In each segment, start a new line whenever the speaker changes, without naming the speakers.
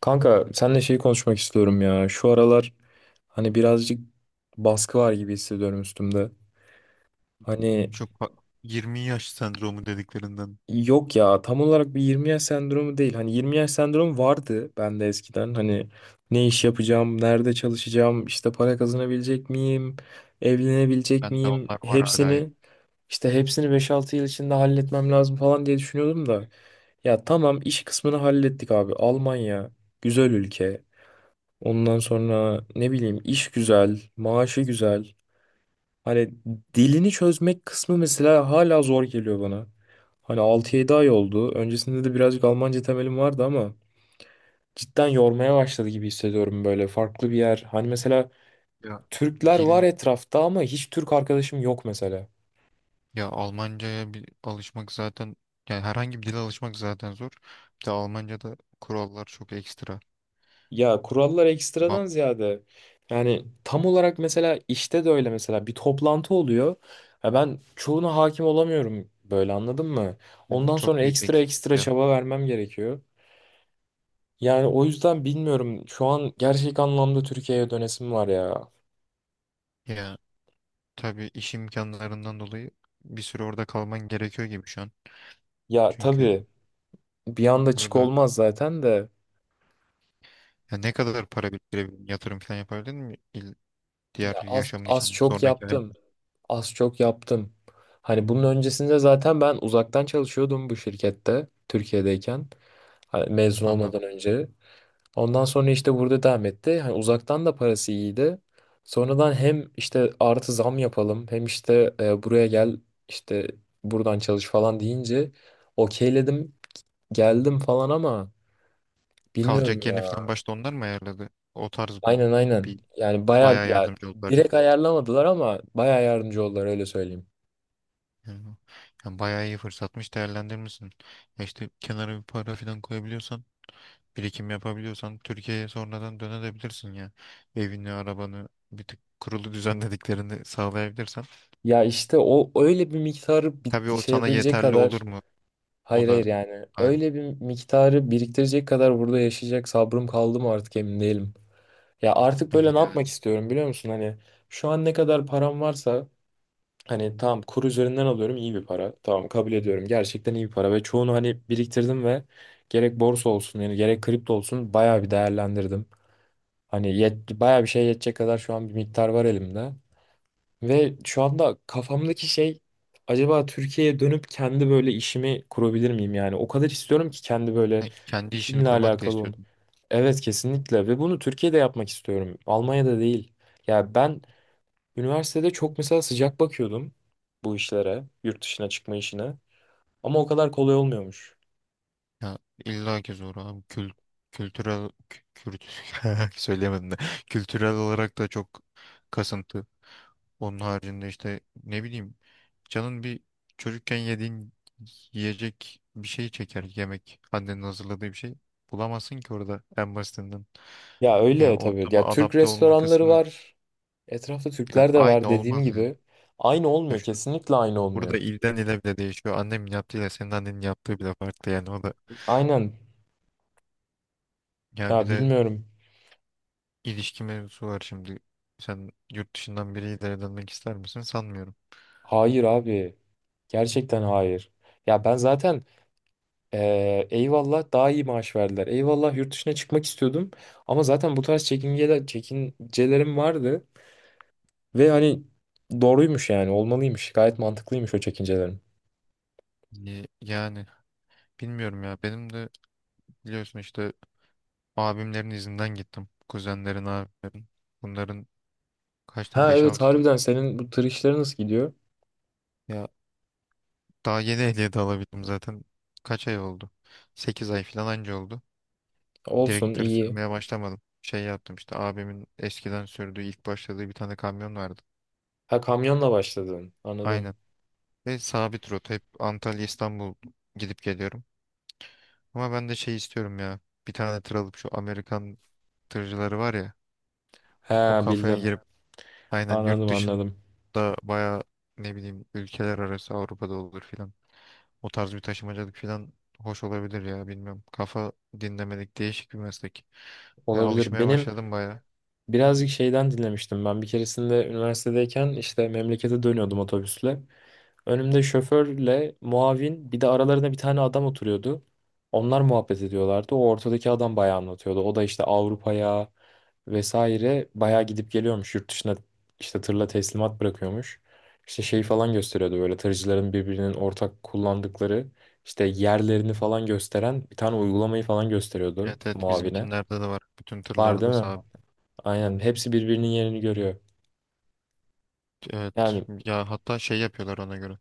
Kanka seninle şeyi konuşmak istiyorum ya. Şu aralar hani birazcık baskı var gibi hissediyorum üstümde. Hani
Çok fa- 20 yaş sendromu dediklerinden.
yok ya tam olarak bir 20 yaş sendromu değil. Hani 20 yaş sendromu vardı bende eskiden. Hani ne iş yapacağım, nerede çalışacağım, işte para kazanabilecek miyim, evlenebilecek
Bende
miyim
onlar var hala ya.
hepsini 5-6 yıl içinde halletmem lazım falan diye düşünüyordum da. Ya tamam iş kısmını hallettik abi. Almanya güzel ülke. Ondan sonra ne bileyim iş güzel, maaşı güzel. Hani dilini çözmek kısmı mesela hala zor geliyor bana. Hani 6-7 ay oldu. Öncesinde de birazcık Almanca temelim vardı ama cidden yormaya başladı gibi hissediyorum böyle farklı bir yer. Hani mesela
Ya
Türkler var
dil
etrafta ama hiç Türk arkadaşım yok mesela.
ya Almanca'ya bir alışmak zaten yani herhangi bir dile alışmak zaten zor. Bir de Almanca'da kurallar çok ekstra.
Ya
C-
kurallar
Bam,
ekstradan ziyade yani tam olarak mesela işte de öyle mesela bir toplantı oluyor. Ya ben çoğuna hakim olamıyorum böyle, anladın mı?
Evet.
Ondan sonra
Çok büyük
ekstra
eksiklik
ekstra
ya.
çaba vermem gerekiyor. Yani o yüzden bilmiyorum, şu an gerçek anlamda Türkiye'ye dönesim var ya.
Ya tabii iş imkanlarından dolayı bir süre orada kalman gerekiyor gibi şu an.
Ya
Çünkü
tabii bir anda çık
burada
olmaz zaten de
ya ne kadar para biriktirebildin, yatırım falan yapabildin mi? Diğer
ya az,
yaşamın
az
için
çok
sonraki
yaptım.
hayatın.
Az çok yaptım. Hani bunun öncesinde zaten ben uzaktan çalışıyordum bu şirkette Türkiye'deyken. Hani mezun
Anladım.
olmadan önce. Ondan sonra işte burada devam etti. Hani uzaktan da parası iyiydi. Sonradan hem işte artı zam yapalım hem işte buraya gel işte buradan çalış falan deyince okeyledim, geldim falan ama bilmiyorum
Kalacak yerini falan
ya.
başta onlar mı ayarladı? O tarz mı?
Aynen, aynen.
Bir
Yani baya
Bayağı
ya
yardımcı oldular ya.
direkt ayarlamadılar ama baya yardımcı oldular, öyle söyleyeyim.
Yani, yani bayağı iyi fırsatmış değerlendirmişsin. Ya işte kenara bir para falan koyabiliyorsan, birikim yapabiliyorsan Türkiye'ye sonradan dönebilirsin ya. Evini, arabanı bir tık kurulu düzenlediklerini sağlayabilirsen.
Ya işte o öyle bir miktarı
Tabii
bir
o
şey
sana
yapabilecek
yeterli olur
kadar.
mu?
Hayır,
O
hayır,
da
yani
ayrı.
öyle bir miktarı biriktirecek kadar burada yaşayacak sabrım kaldı mı artık emin değilim. Ya artık böyle ne yapmak
Yani,
istiyorum, biliyor musun? Hani şu an ne kadar param varsa, hani tamam kur üzerinden alıyorum iyi bir para. Tamam, kabul ediyorum, gerçekten iyi bir para ve çoğunu hani biriktirdim ve gerek borsa olsun yani gerek kripto olsun bayağı bir değerlendirdim. Hani bayağı bir şey yetecek kadar şu an bir miktar var elimde. Ve şu anda kafamdaki şey, acaba Türkiye'ye dönüp kendi böyle işimi kurabilir miyim yani? O kadar istiyorum ki kendi böyle
yani, kendi işini
işimle
kurmak da
alakalı olun.
istiyorsun.
Evet, kesinlikle, ve bunu Türkiye'de yapmak istiyorum. Almanya'da değil. Ya ben üniversitede çok mesela sıcak bakıyordum bu işlere, yurt dışına çıkma işine. Ama o kadar kolay olmuyormuş.
Ya illa ki zor abi. Kültürel kü- kürt söyleyemedim de. Kültürel olarak da çok kasıntı. Onun haricinde işte ne bileyim canın bir çocukken yediğin yiyecek bir şey çeker yemek. Annenin hazırladığı bir şey. Bulamazsın ki orada en basitinden.
Ya
Yani
öyle tabii.
ortama
Ya Türk
adapte olma
restoranları
kısmı
var. Etrafta
ya
Türkler de var
aynı
dediğim
olmaz. Ya
gibi. Aynı
Ya
olmuyor.
şu,
Kesinlikle aynı olmuyor.
burada ilden ile bile değişiyor. Annemin yaptığıyla senin annenin yaptığı bile farklı yani o da.
Aynen.
Ya bir
Ya
de
bilmiyorum.
İlişki mevzusu var şimdi. Sen yurt dışından biriyle evlenmek ister misin? Sanmıyorum.
Hayır abi. Gerçekten hayır. Ya ben zaten eyvallah daha iyi maaş verdiler. Eyvallah yurt dışına çıkmak istiyordum. Ama zaten bu tarz çekincelerim vardı. Ve hani doğruymuş, yani olmalıymış. Gayet mantıklıymış o çekincelerim.
Yani bilmiyorum ya. Benim de biliyorsun işte abimlerin izinden gittim. Kuzenlerin, abilerin. Bunların kaç tane?
Ha evet,
5-6
harbiden senin bu tır işleri nasıl gidiyor?
Ya daha yeni ehliyet alabildim zaten. Kaç ay oldu? 8 ay falan anca oldu.
Olsun,
Direktör
iyi.
sürmeye başlamadım. Şey yaptım işte abimin eskiden sürdüğü ilk başladığı bir tane kamyon vardı.
Ha, kamyonla başladın.
Aynen.
Anladım.
Ve sabit rota hep Antalya İstanbul gidip geliyorum. Ama ben de şey istiyorum ya. Bir tane tır alıp şu Amerikan tırcıları var ya. O
Ha,
kafaya
bildim.
girip aynen
Anladım,
yurt
anladım.
dışında baya ne bileyim ülkeler arası Avrupa'da olur filan. O tarz bir taşımacılık filan hoş olabilir ya bilmiyorum. Kafa dinlemedik değişik bir meslek. Ve
Olabilir.
alışmaya
Benim
başladım baya.
birazcık şeyden dinlemiştim ben. Bir keresinde üniversitedeyken işte memlekete dönüyordum otobüsle. Önümde şoförle muavin, bir de aralarında bir tane adam oturuyordu. Onlar muhabbet ediyorlardı. O ortadaki adam bayağı anlatıyordu. O da işte Avrupa'ya vesaire bayağı gidip geliyormuş. Yurt dışına işte tırla teslimat bırakıyormuş. İşte şey falan gösteriyordu, böyle tırcıların birbirinin ortak kullandıkları işte yerlerini falan gösteren bir tane uygulamayı falan gösteriyordu
Evet evet,
muavine.
bizimkinlerde de var. Bütün
Var değil
tırlarda
mi?
sağ.
Aynen,
Evet.
hepsi birbirinin yerini görüyor.
Evet.
Yani
Ya hatta şey yapıyorlar ona göre.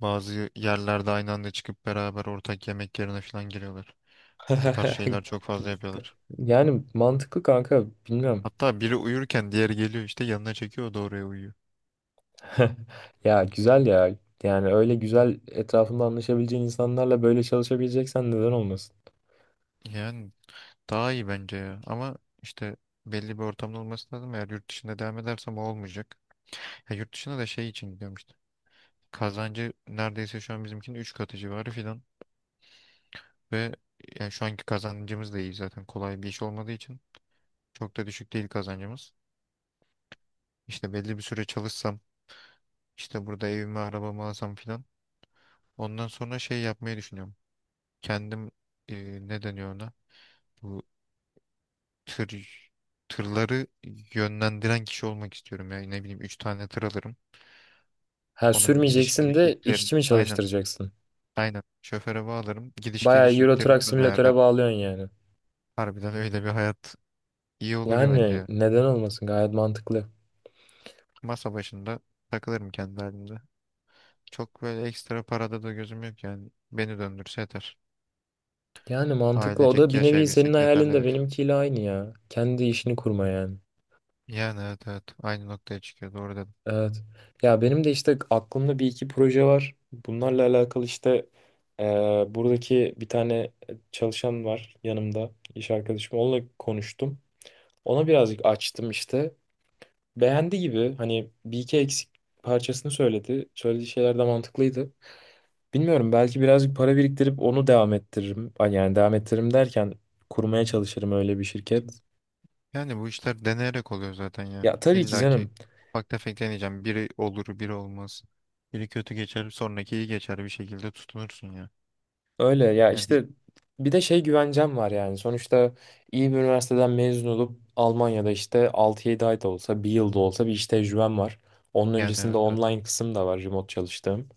Bazı yerlerde aynı anda çıkıp beraber ortak yemek yerine filan giriyorlar. O tarz şeyler çok fazla yapıyorlar.
yani mantıklı kanka, bilmiyorum.
Hatta biri uyurken diğeri geliyor işte yanına çekiyor o da oraya uyuyor.
Ya güzel ya. Yani öyle güzel etrafında anlaşabileceğin insanlarla böyle çalışabileceksen, neden olmasın?
Yani daha iyi bence ya. Ama işte belli bir ortamda olması lazım. Eğer yurt dışında devam edersem o olmayacak. Ya yurt dışına da şey için gidiyorum işte. Kazancı neredeyse şu an bizimkinin 3 katı civarı filan. Ve yani şu anki kazancımız da iyi zaten. Kolay bir iş olmadığı için çok da düşük değil kazancımız. İşte belli bir süre çalışsam işte burada evimi arabamı alsam filan. Ondan sonra şey yapmayı düşünüyorum. Kendim ne deniyor ona? Bu tır tırları yönlendiren kişi olmak istiyorum. Yani ne bileyim 3 tane tır alırım.
Ha,
Onun gidiş
sürmeyeceksin
geliş
de
yüklerini.
işçi mi
Aynen.
çalıştıracaksın?
Aynen. Şoföre bağlarım. Gidiş
Bayağı
geliş
Euro Truck
yüklerini ben
Simülatör'e
ayarlarım.
bağlıyorsun yani.
Harbiden öyle bir hayat iyi olur ya bence.
Yani
Ya.
neden olmasın, gayet mantıklı.
Masa başında takılırım kendi halimde. Çok böyle ekstra parada da gözüm yok yani. Beni döndürse yeter.
Yani mantıklı, o da
Ailecek
bir nevi senin
yaşayabilsek
hayalin de
yeterlidir.
benimkiyle aynı ya. Kendi işini kurma yani.
Yani evet evet. Aynı noktaya çıkıyor. Doğru dedim.
Evet. Ya benim de işte aklımda bir iki proje var. Bunlarla alakalı işte buradaki bir tane çalışan var yanımda, iş arkadaşım. Onunla konuştum. Ona birazcık açtım işte. Beğendi gibi, hani bir iki eksik parçasını söyledi. Söylediği şeyler de mantıklıydı. Bilmiyorum, belki birazcık para biriktirip onu devam ettiririm. Ay, yani devam ettiririm derken kurmaya çalışırım öyle bir şirket.
Yani bu işler deneyerek oluyor zaten ya.
Ya tabii ki
İlla ki
canım.
ufak tefek deneyeceğim. Biri olur, biri olmaz. Biri kötü geçer, sonraki iyi geçer bir şekilde tutunursun ya.
Öyle ya
Yani,
işte, bir de şey güvencem var yani. Sonuçta iyi bir üniversiteden mezun olup Almanya'da işte 6-7 ay da olsa, bir yıl da olsa bir iş tecrübem var. Onun
yani,
öncesinde
evet evet.
online kısım da var, remote çalıştığım.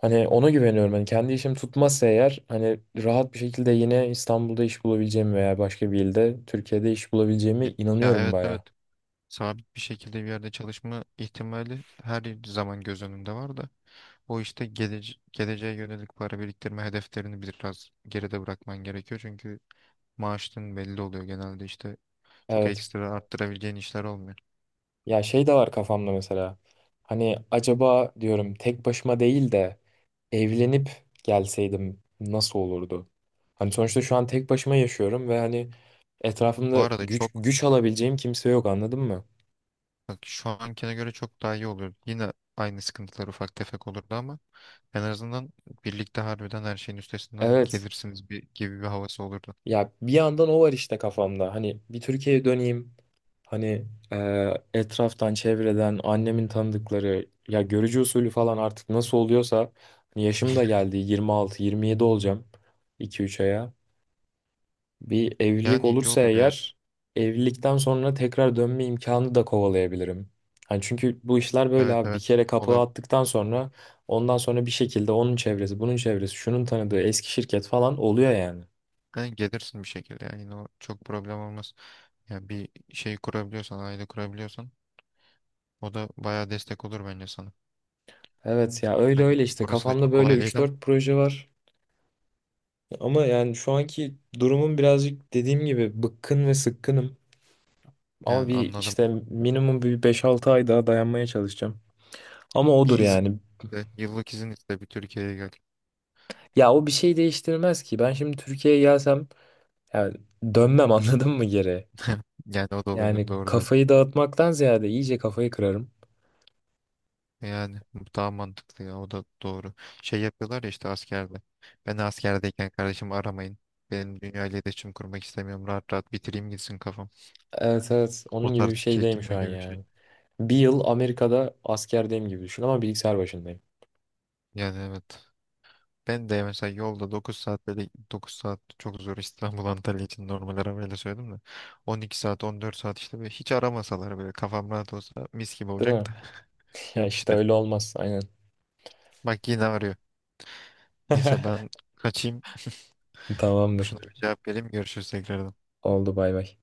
Hani ona güveniyorum. Hani kendi işim tutmazsa eğer, hani rahat bir şekilde yine İstanbul'da iş bulabileceğimi veya başka bir ilde Türkiye'de iş bulabileceğime
Ya, ya,
inanıyorum
evet evet.
baya.
Sabit bir şekilde bir yerde çalışma ihtimali her zaman göz önünde var da. O işte geleceğe yönelik para biriktirme hedeflerini biraz geride bırakman gerekiyor. Çünkü maaşın belli oluyor genelde işte. Çok
Evet.
ekstra arttırabileceğin işler olmuyor.
Ya şey de var kafamda mesela. Hani acaba diyorum tek başıma değil de evlenip gelseydim nasıl olurdu? Hani sonuçta şu an tek başıma yaşıyorum ve hani
Bu
etrafımda
arada
güç
çok
güç alabileceğim kimse yok, anladın mı?
Bak şu ankine göre çok daha iyi oluyor. Yine aynı sıkıntılar ufak tefek olurdu ama en azından birlikte harbiden her şeyin üstesinden
Evet.
gelirsiniz gibi bir havası olurdu.
Ya bir yandan o var işte kafamda. Hani bir Türkiye'ye döneyim. Hani etraftan, çevreden, annemin tanıdıkları ya görücü usulü falan artık nasıl oluyorsa, hani yaşım da geldi, 26, 27 olacağım 2-3 aya. Bir evlilik
Yani iyi
olursa
olur ya.
eğer, evlilikten sonra tekrar dönme imkanı da kovalayabilirim. Hani çünkü bu
O-
işler böyle
Evet
abi, bir
evet
kere kapağı
olabilir.
attıktan sonra ondan sonra bir şekilde onun çevresi, bunun çevresi, şunun tanıdığı eski şirket falan oluyor yani.
Yani gelirsin bir şekilde yani yine o çok problem olmaz. Yani bir şey kurabiliyorsan, aile kurabiliyorsan o da bayağı destek olur bence sana.
Evet ya, öyle
Tabii
öyle işte
orası da
kafamda
çok
böyle
kolay
üç
değil ama
dört proje var. Ama yani şu anki durumum birazcık dediğim gibi bıkkın ve sıkkınım. Ama
yani
bir
anladım.
işte
Yani
minimum bir 5-6 ay daha dayanmaya çalışacağım. Ama
bir
odur
izin
yani.
iste, yıllık izin iste bir Türkiye'ye gel.
Ya o bir şey değiştirmez ki. Ben şimdi Türkiye'ye gelsem yani dönmem anladın mı geri?
Yani o da olabilir
Yani
doğru da.
kafayı dağıtmaktan ziyade iyice kafayı kırarım.
Yani bu daha mantıklı ya o da doğru. Şey yapıyorlar ya işte askerde. Ben askerdeyken kardeşim aramayın. Benim dünya ile iletişim kurmak istemiyorum. Rahat rahat bitireyim gitsin kafam.
Evet, evet,
O
onun gibi bir
tarz
şeydeyim şu
çekilme
an
gibi bir şey.
yani. Bir yıl Amerika'da askerdeyim gibi düşün ama bilgisayar başındayım.
Yani evet. Ben de mesela yolda 9 saat böyle 9 saat çok zor İstanbul Antalya için normal arabayla söyledim de 12 saat 14 saat işte böyle hiç aramasalar böyle kafam rahat olsa mis gibi
Değil
olacak
mi?
da
Ya
yok
işte
işte.
öyle olmaz, aynen.
Bak yine arıyor. Neyse ben kaçayım.
Tamamdır.
Şuna bir cevap vereyim. Görüşürüz tekrardan.
Oldu, bay bay.